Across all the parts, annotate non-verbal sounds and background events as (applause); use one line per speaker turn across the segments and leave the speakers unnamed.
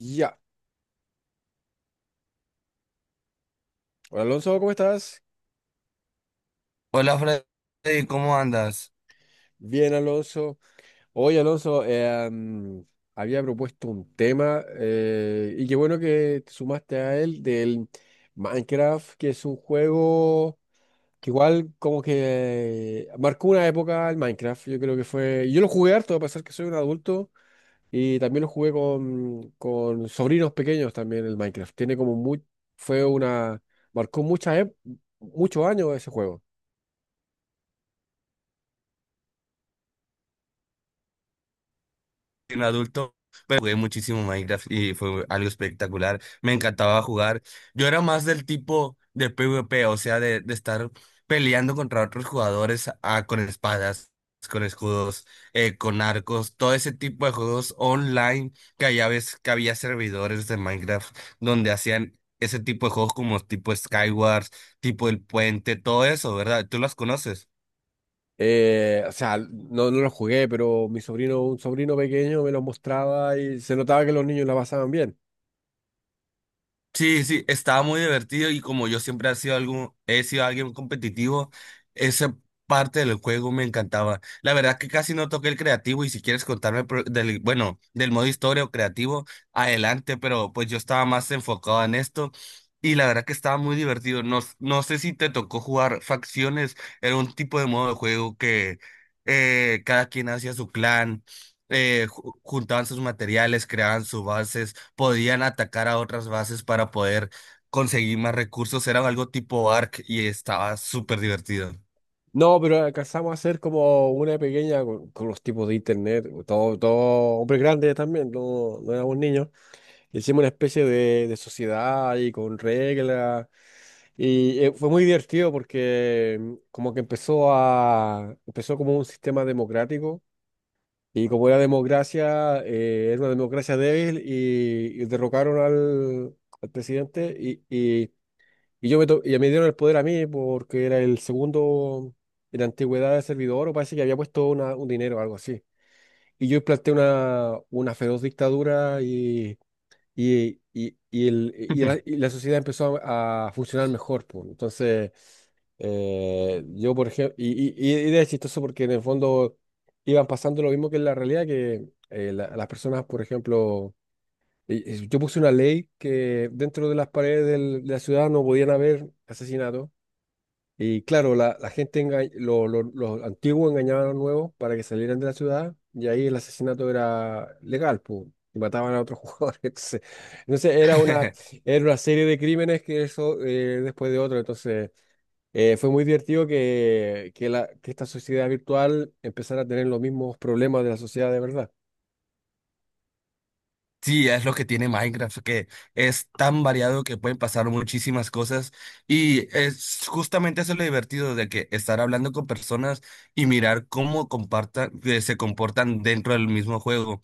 Ya. Hola Alonso, ¿cómo estás?
Hola Freddy, ¿cómo andas?
Bien, Alonso. Hoy, Alonso, había propuesto un tema y qué bueno que te sumaste a él del Minecraft, que es un juego que igual como que marcó una época el Minecraft. Yo creo que fue... Yo lo jugué harto, a pesar que soy un adulto, y también lo jugué con sobrinos pequeños también el Minecraft. Tiene como muy... Fue una... Marcó muchas ep- muchos años ese juego.
Soy un adulto, pero jugué muchísimo Minecraft y fue algo espectacular. Me encantaba jugar. Yo era más del tipo de PvP, o sea, de estar peleando contra otros jugadores, ah, con espadas, con escudos, con arcos, todo ese tipo de juegos online, que allá ves que había servidores de Minecraft donde hacían ese tipo de juegos como tipo Skywars, tipo El Puente, todo eso, ¿verdad? ¿Tú las conoces?
O sea, no lo jugué, pero mi sobrino, un sobrino pequeño me lo mostraba y se notaba que los niños la pasaban bien.
Sí, sí, estaba muy divertido y como yo siempre he sido alguien competitivo, esa parte del juego me encantaba. La verdad que casi no toqué el creativo y si quieres contarme bueno, del modo historia o creativo, adelante, pero pues yo estaba más enfocado en esto y la verdad que estaba muy divertido. No, no sé si te tocó jugar facciones, era un tipo de modo de juego que, cada quien hacía su clan. Juntaban sus materiales, creaban sus bases, podían atacar a otras bases para poder conseguir más recursos. Era algo tipo Ark y estaba súper divertido.
No, pero alcanzamos a hacer como una pequeña con los tipos de internet, todo hombres grandes también, no, no éramos niños. Hicimos una especie de sociedad y con reglas. Y fue muy divertido porque como que empezó como un sistema democrático. Y como era democracia, era una democracia débil y derrocaron al presidente y y me dieron el poder a mí porque era el segundo en antigüedad de servidor, o parece que había puesto un dinero o algo así. Y yo implanté una feroz dictadura y la sociedad a funcionar mejor, pues. Entonces... yo, por ejemplo, y era chistoso porque en el fondo iban pasando lo mismo que en la realidad, que las personas, por ejemplo, y yo puse una ley que dentro de las paredes de la ciudad no podían haber asesinatos. Y claro, la gente, los antiguos engañaban a los nuevos para que salieran de la ciudad y ahí el asesinato era legal, pues, y mataban a otros (laughs) jugadores. Entonces
(laughs)
era una serie de crímenes, que eso después de otro. Entonces... fue muy divertido que, la, que esta sociedad virtual empezara a tener los mismos problemas de la sociedad de verdad.
Sí, es lo que tiene Minecraft, que es tan variado que pueden pasar muchísimas cosas y es justamente eso lo divertido de que estar hablando con personas y mirar que se comportan dentro del mismo juego.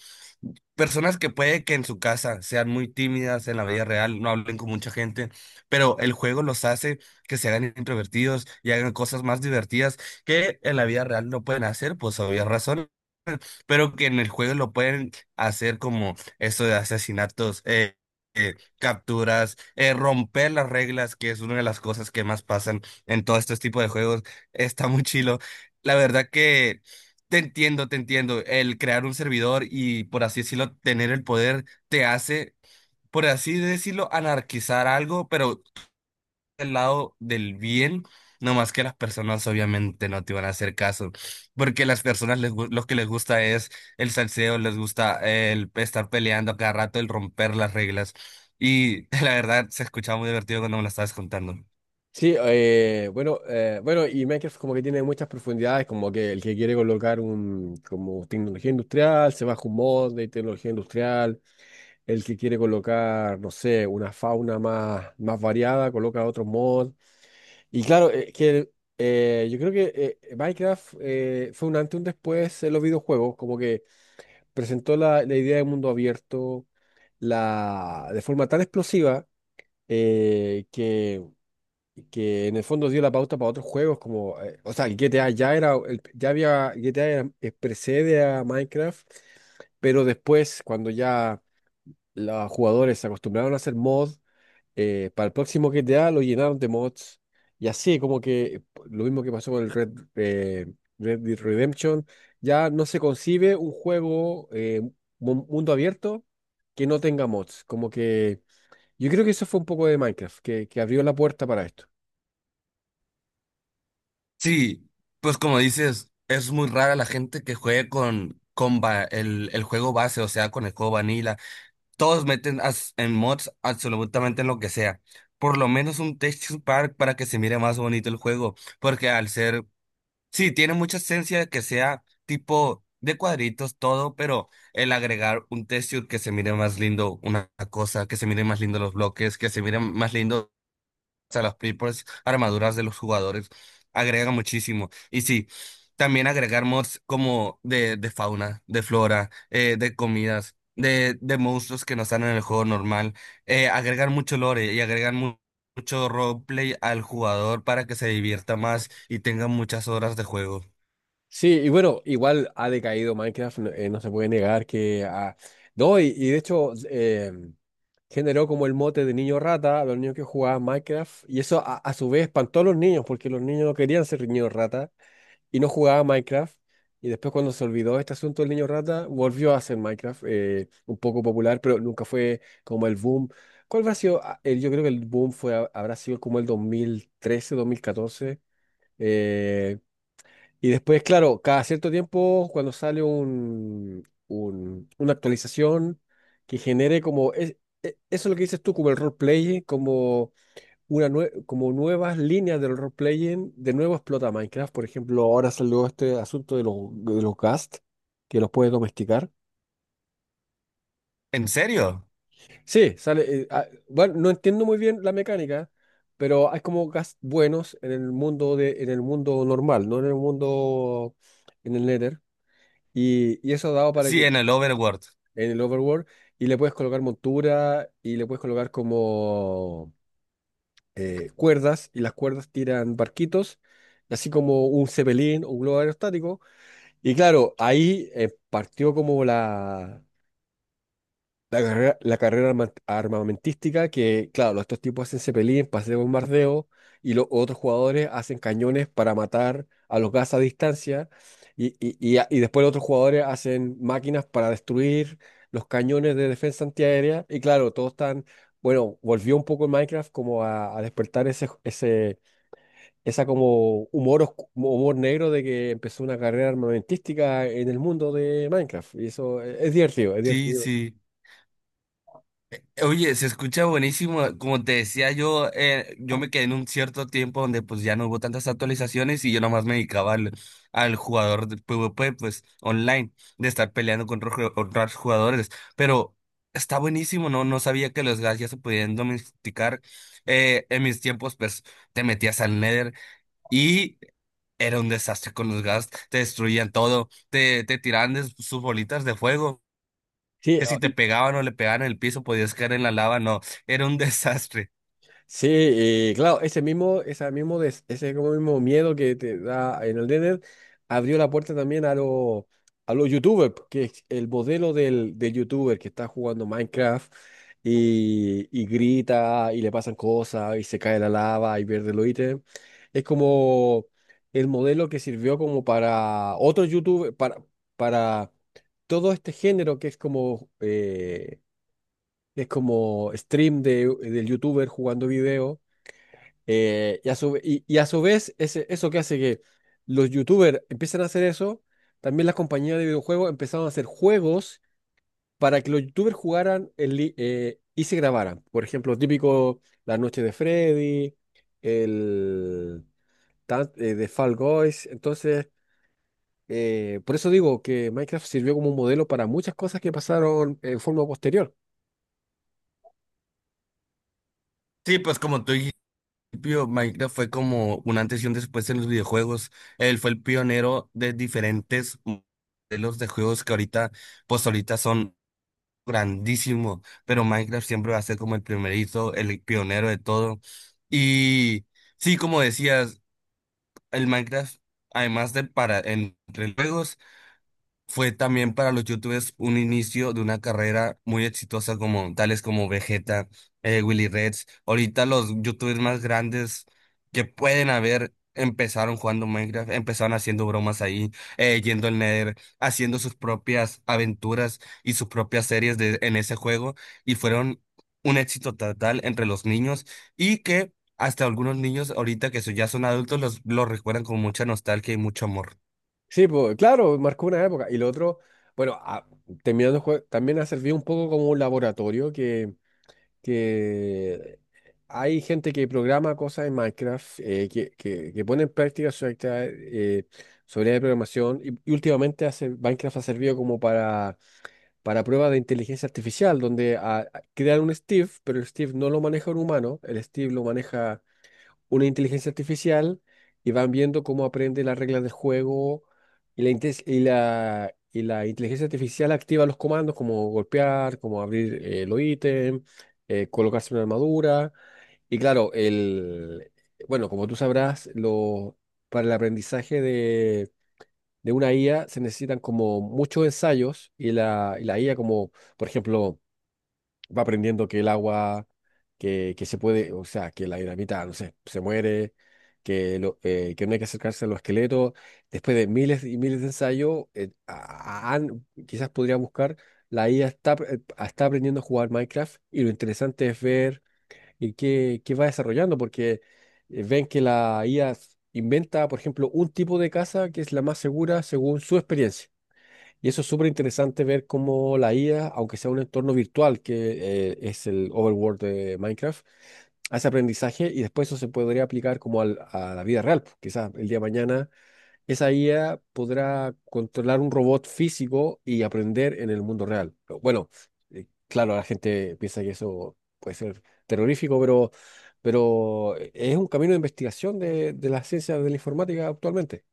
Personas que puede que en su casa sean muy tímidas, en la vida real no hablen con mucha gente, pero el juego los hace que se hagan introvertidos y hagan cosas más divertidas que en la vida real no pueden hacer, pues obvias razones, pero que en el juego lo pueden hacer, como eso de asesinatos, capturas, romper las reglas, que es una de las cosas que más pasan en todo este tipo de juegos. Está muy chilo. La verdad que te entiendo, te entiendo. El crear un servidor y, por así decirlo, tener el poder te hace, por así decirlo, anarquizar algo, pero del lado del bien, no más que las personas obviamente no te van a hacer caso, porque las personas lo que les gusta es el salseo, les gusta el estar peleando a cada rato, el romper las reglas. Y (laughs) la verdad se escuchaba muy divertido cuando me lo estabas contando.
Sí, bueno, y Minecraft como que tiene muchas profundidades, como que el que quiere colocar un, como tecnología industrial, se baja un mod de tecnología industrial, el que quiere colocar, no sé, una fauna más variada, coloca otro mod. Y claro, que yo creo que Minecraft fue un antes y un después en los videojuegos, como que presentó la idea de mundo abierto, la, de forma tan explosiva, eh, que, que en el fondo dio la pauta para otros juegos como, o sea, el GTA ya había, precede a Minecraft, pero después cuando ya los jugadores se acostumbraron a hacer mod, para el próximo GTA lo llenaron de mods. Y así, como que lo mismo que pasó con el Red, eh, Red Dead Redemption, ya no se concibe un juego mundo abierto que no tenga mods. Como que yo creo que eso fue un poco de Minecraft, que abrió la puerta para esto.
Sí, pues como dices, es muy rara la gente que juegue el juego base, o sea, con el juego vanilla. Todos meten en mods absolutamente en lo que sea. Por lo menos un texture pack para que se mire más bonito el juego. Porque al ser, sí, tiene mucha esencia de que sea tipo de cuadritos todo, pero el agregar un texture que se mire más lindo, una cosa, que se mire más lindo los bloques, que se mire más lindo, sea, las propias armaduras de los jugadores agregan muchísimo. Y sí, también agregar mods como de fauna, de flora, de comidas, de monstruos que no están en el juego normal. Agregar mucho lore y agregan mucho roleplay al jugador para que se divierta más y tenga muchas horas de juego.
Sí, y bueno, igual ha decaído Minecraft, no, no se puede negar que... ha- no, y de hecho generó como el mote de niño rata a los niños que jugaban Minecraft, y eso a su vez espantó a los niños, porque los niños no querían ser niños rata y no jugaban Minecraft, y después cuando se olvidó este asunto del niño rata, volvió a ser Minecraft un poco popular, pero nunca fue como el boom. ¿Cuál habrá sido? Ah, yo creo que el boom fue, habrá sido como el 2013, 2014, eh, y después, claro, cada cierto tiempo, cuando sale una actualización que genere como, eso es lo que dices tú, como el roleplay, como, como nuevas líneas del roleplay, de nuevo explota Minecraft. Por ejemplo, ahora salió este asunto de de los ghast, que los puedes domesticar.
¿En serio?
Sí, sale, bueno, no entiendo muy bien la mecánica, pero hay como ghast buenos en el mundo, de, en el mundo normal, no en el mundo, en el Nether. Y eso dado para
Sí,
que
en el Overworld.
en el overworld, y le puedes colocar montura y le puedes colocar como cuerdas, y las cuerdas tiran barquitos, así como un cepelín o un globo aerostático. Y claro, ahí partió como la carrera, la carrera armamentística que, claro, estos tipos hacen cepelín para hacer bombardeo, y los otros jugadores hacen cañones para matar a los gas a distancia, y después los otros jugadores hacen máquinas para destruir los cañones de defensa antiaérea, y claro, todos están, bueno, volvió un poco el Minecraft como a despertar esa como humor, humor negro de que empezó una carrera armamentística en el mundo de Minecraft, y eso es divertido, es
Sí,
divertido.
sí. Oye, se escucha buenísimo. Como te decía yo, yo me quedé en un cierto tiempo donde pues ya no hubo tantas actualizaciones y yo nomás me dedicaba al jugador de PvP, pues online, de estar peleando contra otros jugadores. Pero está buenísimo, ¿no? No sabía que los gas ya se podían domesticar. En mis tiempos, pues te metías al Nether y era un desastre con los gas. Te destruían todo, te tiraban de sus bolitas de fuego,
Sí,
que si te pegaban o le pegaban en el piso podías caer en la lava, no, era un (laughs) desastre.
sí, y claro, ese mismo, ese como mismo miedo que te da en el Nether abrió la puerta también a los, a los YouTubers, que es el modelo del YouTuber que está jugando Minecraft, y grita y le pasan cosas y se cae la lava y pierde los ítems. Es como el modelo que sirvió como para otros YouTubers, para todo este género que es como stream del YouTuber jugando video, y a su vez, eso que hace que los youtubers empiecen a hacer eso, también las compañías de videojuegos empezaron a hacer juegos para que los youtubers jugaran y se grabaran. Por ejemplo, típico La Noche de Freddy, el de Fall Guys. Entonces, por eso digo que Minecraft sirvió como un modelo para muchas cosas que pasaron en forma posterior.
Sí, pues como tú dijiste, Pío, Minecraft fue como un antes y un después en los videojuegos. Él fue el pionero de diferentes modelos de juegos que ahorita, pues ahorita son grandísimos, pero Minecraft siempre va a ser como el primerito, el pionero de todo. Y sí, como decías, el Minecraft, además de para entre juegos, fue también para los youtubers un inicio de una carrera muy exitosa, como tales como Vegeta, Willy Reds. Ahorita los youtubers más grandes que pueden haber empezaron jugando Minecraft, empezaron haciendo bromas ahí, yendo al Nether, haciendo sus propias aventuras y sus propias series en ese juego, y fueron un éxito total entre los niños y que hasta algunos niños ahorita que ya son adultos los recuerdan con mucha nostalgia y mucho amor.
Sí, pues claro, marcó una época. Y lo otro, bueno, terminando el juego, también ha servido un poco como un laboratorio que hay gente que programa cosas en Minecraft, que pone en práctica su actividad, su habilidad de programación. Y últimamente hace, Minecraft ha servido como para pruebas de inteligencia artificial, donde crean un Steve, pero el Steve no lo maneja un humano, el Steve lo maneja una inteligencia artificial, y van viendo cómo aprende las reglas del juego y la inteligencia artificial activa los comandos como golpear, como abrir los ítems, colocarse una armadura. Y claro, el, bueno, como tú sabrás, lo, para el aprendizaje de una IA se necesitan como muchos ensayos, y la IA como, por ejemplo, va aprendiendo que el agua, que se puede, o sea, que la dinamita, no sé, se muere, que no hay que acercarse a los esqueletos. Después de miles y miles de ensayos, quizás podría buscar, la IA está, está aprendiendo a jugar Minecraft, y lo interesante es ver qué va desarrollando, porque ven que la IA inventa, por ejemplo, un tipo de casa que es la más segura según su experiencia. Y eso es súper interesante ver cómo la IA, aunque sea un entorno virtual, que es el overworld de Minecraft, hace aprendizaje y después eso se podría aplicar como a la vida real, pues. Quizás el día de mañana esa IA podrá controlar un robot físico y aprender en el mundo real. Pero bueno, claro, la gente piensa que eso puede ser terrorífico, pero, es un camino de investigación de las ciencias de la informática actualmente.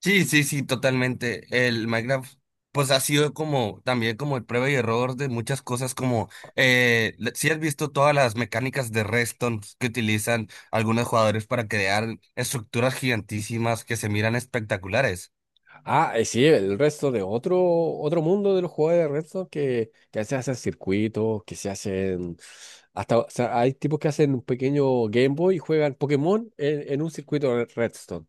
Sí, sí, sí, totalmente. El Minecraft, pues ha sido como también como el prueba y error de muchas cosas, como, si has visto todas las mecánicas de redstone que utilizan algunos jugadores para crear estructuras gigantísimas que se miran espectaculares.
Ah, sí, el resto de otro mundo de los jugadores de Redstone que se hacen circuitos, que se hacen... Hasta, o sea, hay tipos que hacen un pequeño Game Boy y juegan Pokémon en un circuito de Redstone.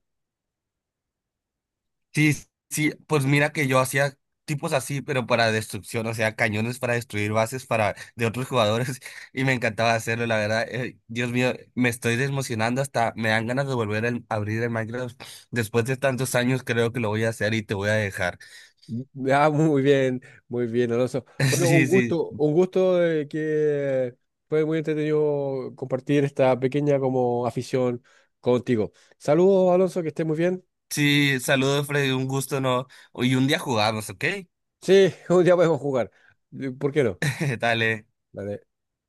Sí, sí, pues mira que yo hacía tipos así, pero para destrucción, o sea, cañones para destruir bases para de otros jugadores (laughs) y me encantaba hacerlo, la verdad. Dios mío, me estoy desmocionando, hasta me dan ganas de volver a abrir el Minecraft. Después de tantos años creo que lo voy a hacer y te voy a dejar.
(laughs) Ah, muy bien, Alonso.
(laughs)
Bueno,
Sí, sí.
un gusto de que fue muy entretenido compartir esta pequeña como afición contigo. Saludos, Alonso, que estés muy bien.
Sí, saludos Freddy, un gusto, ¿no? Y un día jugamos, ¿ok?
Sí, (laughs) un día podemos jugar. ¿Por qué no?
(laughs) Dale.
Vale.